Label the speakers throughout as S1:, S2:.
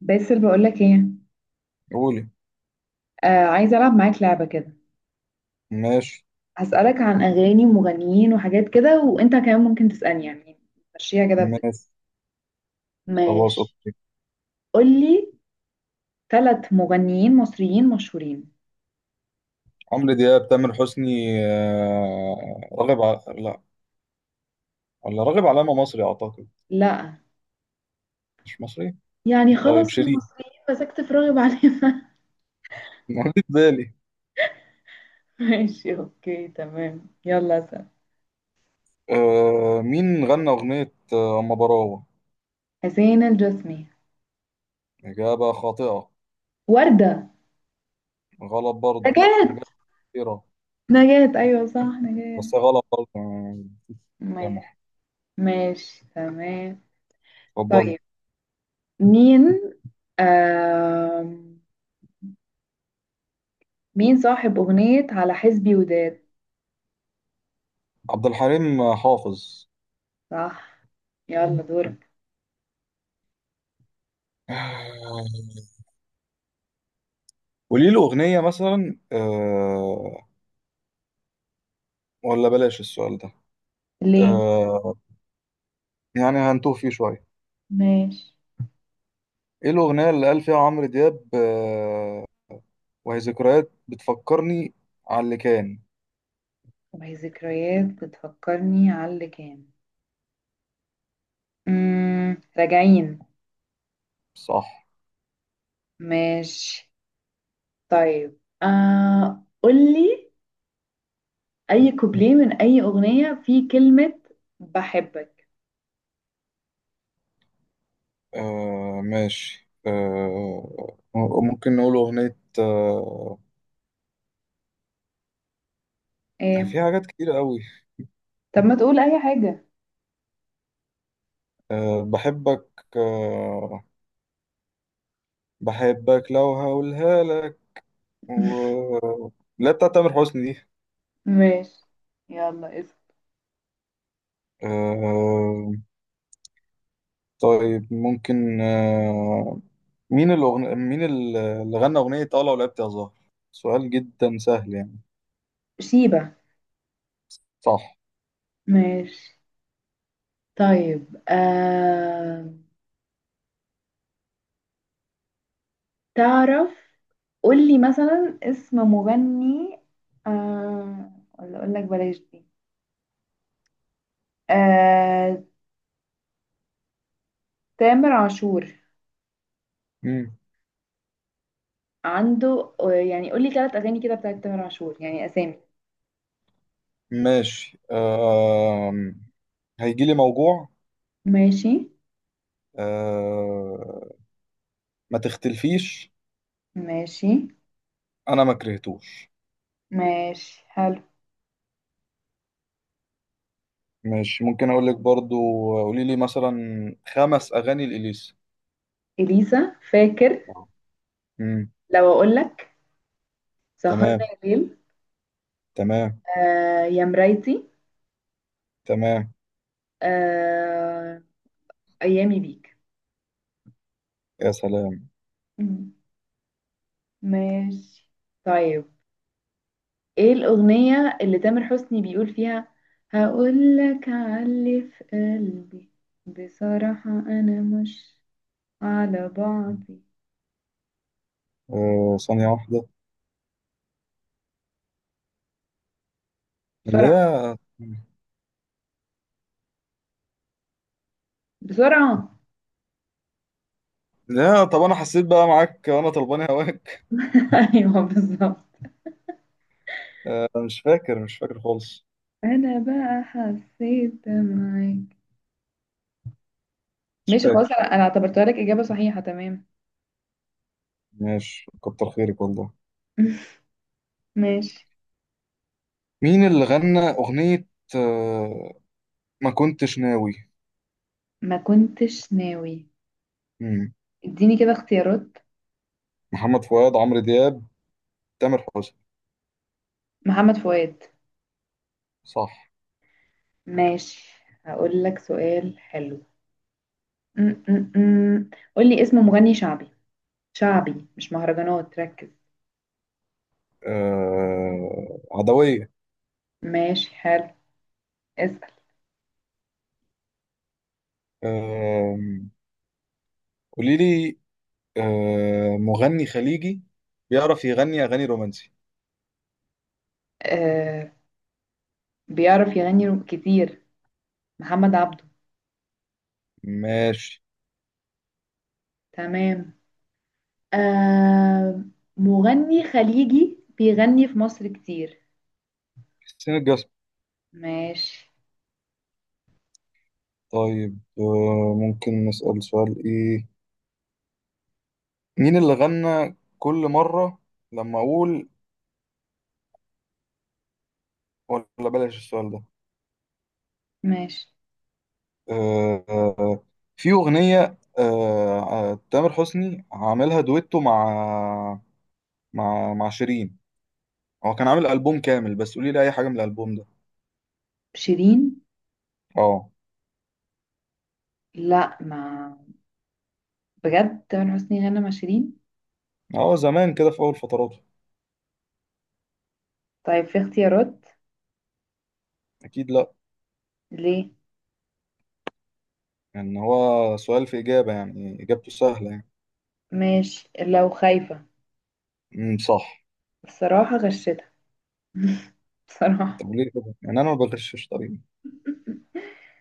S1: باسل، بقولك ايه؟
S2: قولي.
S1: آه، عايزة ألعب معاك لعبة كده.
S2: ماشي.
S1: هسألك عن أغاني ومغنيين وحاجات كده، وأنت كمان ممكن تسألني يعني. مشيها كده
S2: ماشي. خلاص،
S1: ماشي.
S2: اوكي.
S1: قولي ثلاث مغنيين مصريين مشهورين.
S2: عمرو دياب، تامر حسني. لا، ولا راغب علامة مصري اعتقد.
S1: لا،
S2: مش مصري.
S1: يعني
S2: طيب،
S1: خلاص هم
S2: شيرين
S1: مصريين، مسكت في راغب عليهم.
S2: ما جه في بالي.
S1: ماشي اوكي تمام، يلا اسأل.
S2: مين غنى اغنية اما براوة؟
S1: حسين الجسمي.
S2: اجابة خاطئة.
S1: وردة.
S2: غلط، برضه
S1: نجاة.
S2: نجاة. كتيرة.
S1: نجاة، أيوة صح، نجاة.
S2: بس غلط برضه.
S1: ماشي.
S2: سامح.
S1: ماشي تمام.
S2: اتفضل.
S1: طيب، مين؟ آه، مين صاحب أغنية على حسبي وداد؟
S2: عبد الحليم حافظ.
S1: صح. يلا دورك.
S2: آه، قولي له اغنية مثلا، ولا بلاش السؤال ده.
S1: ليه؟
S2: آه، يعني هنتوه فيه شوية.
S1: ماشي.
S2: ايه الأغنية اللي قال فيها عمرو دياب وهي ذكريات بتفكرني على اللي كان؟
S1: وهي ذكريات بتفكرني على اللي كان. راجعين.
S2: صح.
S1: ماشي. طيب، قولي أي كوبليه من أي أغنية فيه كلمة بحبك.
S2: ماشي، ممكن نقول أغنية.
S1: ايه؟
S2: في حاجات كتير قوي.
S1: طب ما تقول أي حاجة.
S2: بحبك، بحبك لو هقولها لك. و... لا، بتاعت تامر حسني دي.
S1: ماشي. يلا اسم.
S2: آه طيب، ممكن. مين اللي غنى أغنية لو لعبت يا زهر؟ سؤال جدا سهل، يعني.
S1: شيبة.
S2: صح.
S1: ماشي. طيب، تعرف، قولي مثلا اسم مغني. آه ولا اقول لك بلاش دي. آه، تامر عاشور.
S2: مم.
S1: عنده، يعني قولي ثلاث اغاني كده بتاعت تامر عاشور، يعني اسامي.
S2: ماشي، هيجيلي موجوع.
S1: ماشي.
S2: آه، ما تختلفيش.
S1: ماشي.
S2: أنا ما كرهتوش.
S1: ماشي حلو.
S2: ماشي، ممكن أقول لك برضو. قولي لي مثلا 5 أغاني لإليسا.
S1: اليسا فاكر.
S2: مم.
S1: لو اقول لك سهرنا
S2: تمام.
S1: الليل.
S2: تمام.
S1: آه، يا مرايتي.
S2: تمام.
S1: آه، ايامي بيك.
S2: يا سلام.
S1: مم. ماشي. طيب، ايه الأغنية اللي تامر حسني بيقول فيها؟ هقول لك، علي في قلبي. بصراحة أنا مش على بعضي.
S2: ثانية واحدة.
S1: بسرعة،
S2: لا.
S1: بسرعة.
S2: لا، طب أنا حسيت بقى معاك وأنا طلباني هواك.
S1: أيوه بالظبط.
S2: مش فاكر، مش فاكر خالص.
S1: أنا بقى حسيت معاك.
S2: مش
S1: ماشي خلاص،
S2: فاكر.
S1: أنا اعتبرتها لك إجابة صحيحة تمام.
S2: ماشي، كتر خيرك والله.
S1: ماشي.
S2: مين اللي غنى أغنية آه، ما كنتش ناوي؟
S1: ما كنتش ناوي.
S2: مم.
S1: اديني كده اختيارات.
S2: محمد فؤاد، عمرو دياب، تامر حسني.
S1: محمد فؤاد.
S2: صح.
S1: ماشي. هقول لك سؤال حلو. م- م- م. قولي اسم مغني شعبي. شعبي مش مهرجانات، ركز.
S2: عدوية.
S1: ماشي حلو. اسأل.
S2: آه، قولي لي مغني خليجي بيعرف يغني أغاني رومانسي.
S1: آه، بيعرف يغني كتير. محمد عبده.
S2: ماشي.
S1: تمام. آه، مغني خليجي بيغني في مصر كتير.
S2: حسين الجسمي.
S1: ماشي.
S2: طيب، ممكن نسأل سؤال إيه. مين اللي غنى كل مرة لما أقول؟ ولا بلاش السؤال ده.
S1: ماشي.
S2: آه، آه، في أغنية تامر حسني عاملها دويتو مع شيرين. هو كان عامل ألبوم كامل، بس قولي لي أي حاجة من الألبوم ده.
S1: شيرين.
S2: اه.
S1: لا، ما بجد، تامر حسني غنى مع شيرين؟
S2: هو زمان كده، في أول فتراته.
S1: طيب، في اختيارات؟
S2: أكيد، لأ.
S1: ليه؟
S2: يعني هو سؤال في إجابة، يعني إجابته سهلة، يعني.
S1: ماشي لو خايفة.
S2: صح.
S1: الصراحة غشتها. بصراحة.
S2: طب ليه كده؟ يعني أنا ما بغشش طريقي.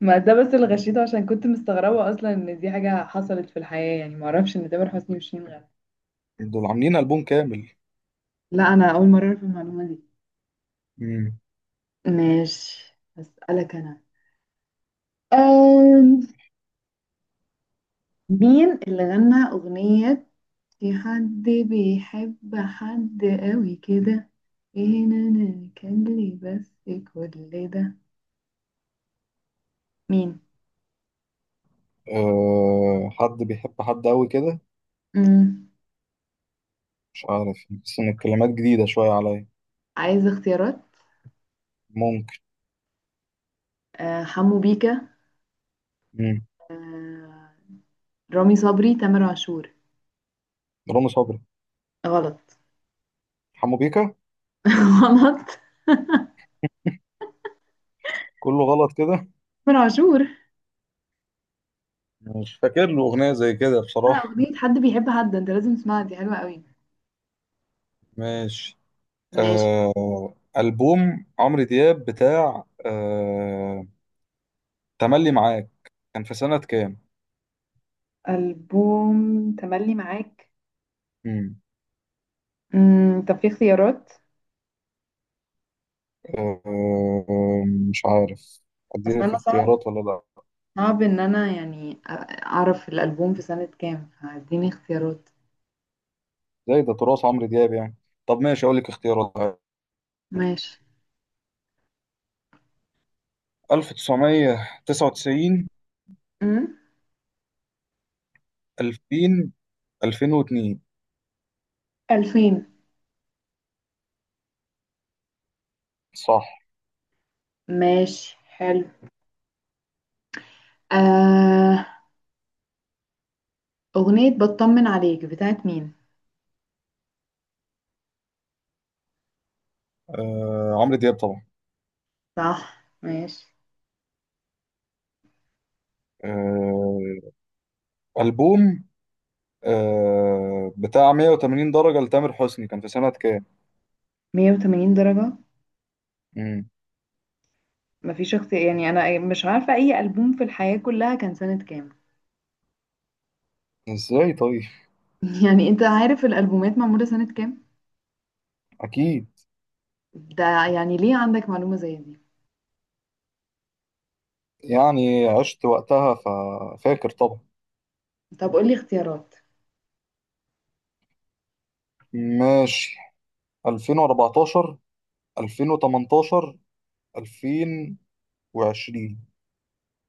S1: ما ده بس اللي غشيته، عشان كنت مستغربة أصلا إن دي حاجة حصلت في الحياة يعني. معرفش إن تامر حسني وشيرين غنوا.
S2: دول عاملين ألبوم كامل.
S1: لا، انا اول مره اعرف المعلومه دي.
S2: امم.
S1: ماشي، هسألك انا. أم... مين اللي غنى اغنيه في حد بيحب حد قوي كده؟ فين انا كان لي بس كل ده؟ مين؟
S2: أه، حد بيحب حد أوي كده؟
S1: مم.
S2: مش عارف، بس إن الكلمات جديدة شوية عليا.
S1: عايز اختيارات؟
S2: ممكن.
S1: أه، حمو بيكا. أه، رامي صبري، تامر عاشور.
S2: رامي صبري.
S1: غلط.
S2: حمو بيكا.
S1: غلط.
S2: كله غلط كده.
S1: تامر عاشور.
S2: مش فاكر له اغنيه زي كده،
S1: آه،
S2: بصراحه.
S1: أغنية حد بيحب حد، أنت لازم تسمعها، دي حلوة قوي.
S2: ماشي.
S1: ماشي.
S2: آه البوم عمرو دياب بتاع تملي معاك كان في سنه كام؟
S1: ألبوم تملي معاك.
S2: مم.
S1: امم، طب في اختيارات؟
S2: آه مش عارف.
S1: بس
S2: اديلك
S1: أنا صعب،
S2: اختيارات ولا لا؟
S1: صعب إن أنا يعني أعرف الألبوم في سنة كام، فاديني اختيارات.
S2: زي ده تراث عمرو دياب، يعني. طب ماشي، اقول لك اختيارات عادي.
S1: ماشي.
S2: 1999،
S1: امم.
S2: 2000، 2002.
S1: 2000.
S2: صح.
S1: ماشي حلو. آه، أغنية بطمن عليك بتاعت مين؟
S2: عمرو دياب طبعا.
S1: صح. ماشي.
S2: آه ألبوم بتاع 180 درجة لتامر حسني كان في سنة كام؟
S1: 180 درجة.
S2: مم.
S1: مفيش اختيار يعني؟ أنا مش عارفة أي ألبوم في الحياة كلها كان سنة كام.
S2: ازاي طيب؟
S1: يعني أنت عارف الألبومات معمولة سنة كام؟
S2: أكيد.
S1: ده يعني ليه عندك معلومة زي دي؟
S2: يعني عشت وقتها ففاكر طبعا.
S1: طب قولي اختيارات.
S2: ماشي. 2014، 2018، 2020.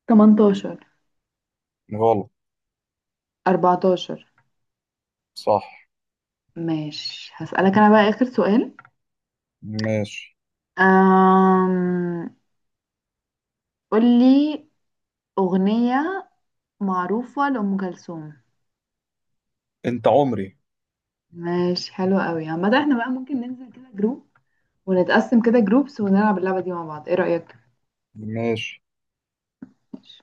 S1: 18.
S2: غلط.
S1: 14.
S2: صح.
S1: ماشي، هسألك أنا بقى آخر سؤال.
S2: ماشي.
S1: أم... قولي أغنية معروفة لأم كلثوم.
S2: أنت عمري.
S1: ماشي حلو قوي. عامة احنا بقى ممكن ننزل كده جروب ونتقسم كده جروبس ونلعب اللعبة دي مع بعض، ايه رأيك؟
S2: ماشي
S1: ماشي.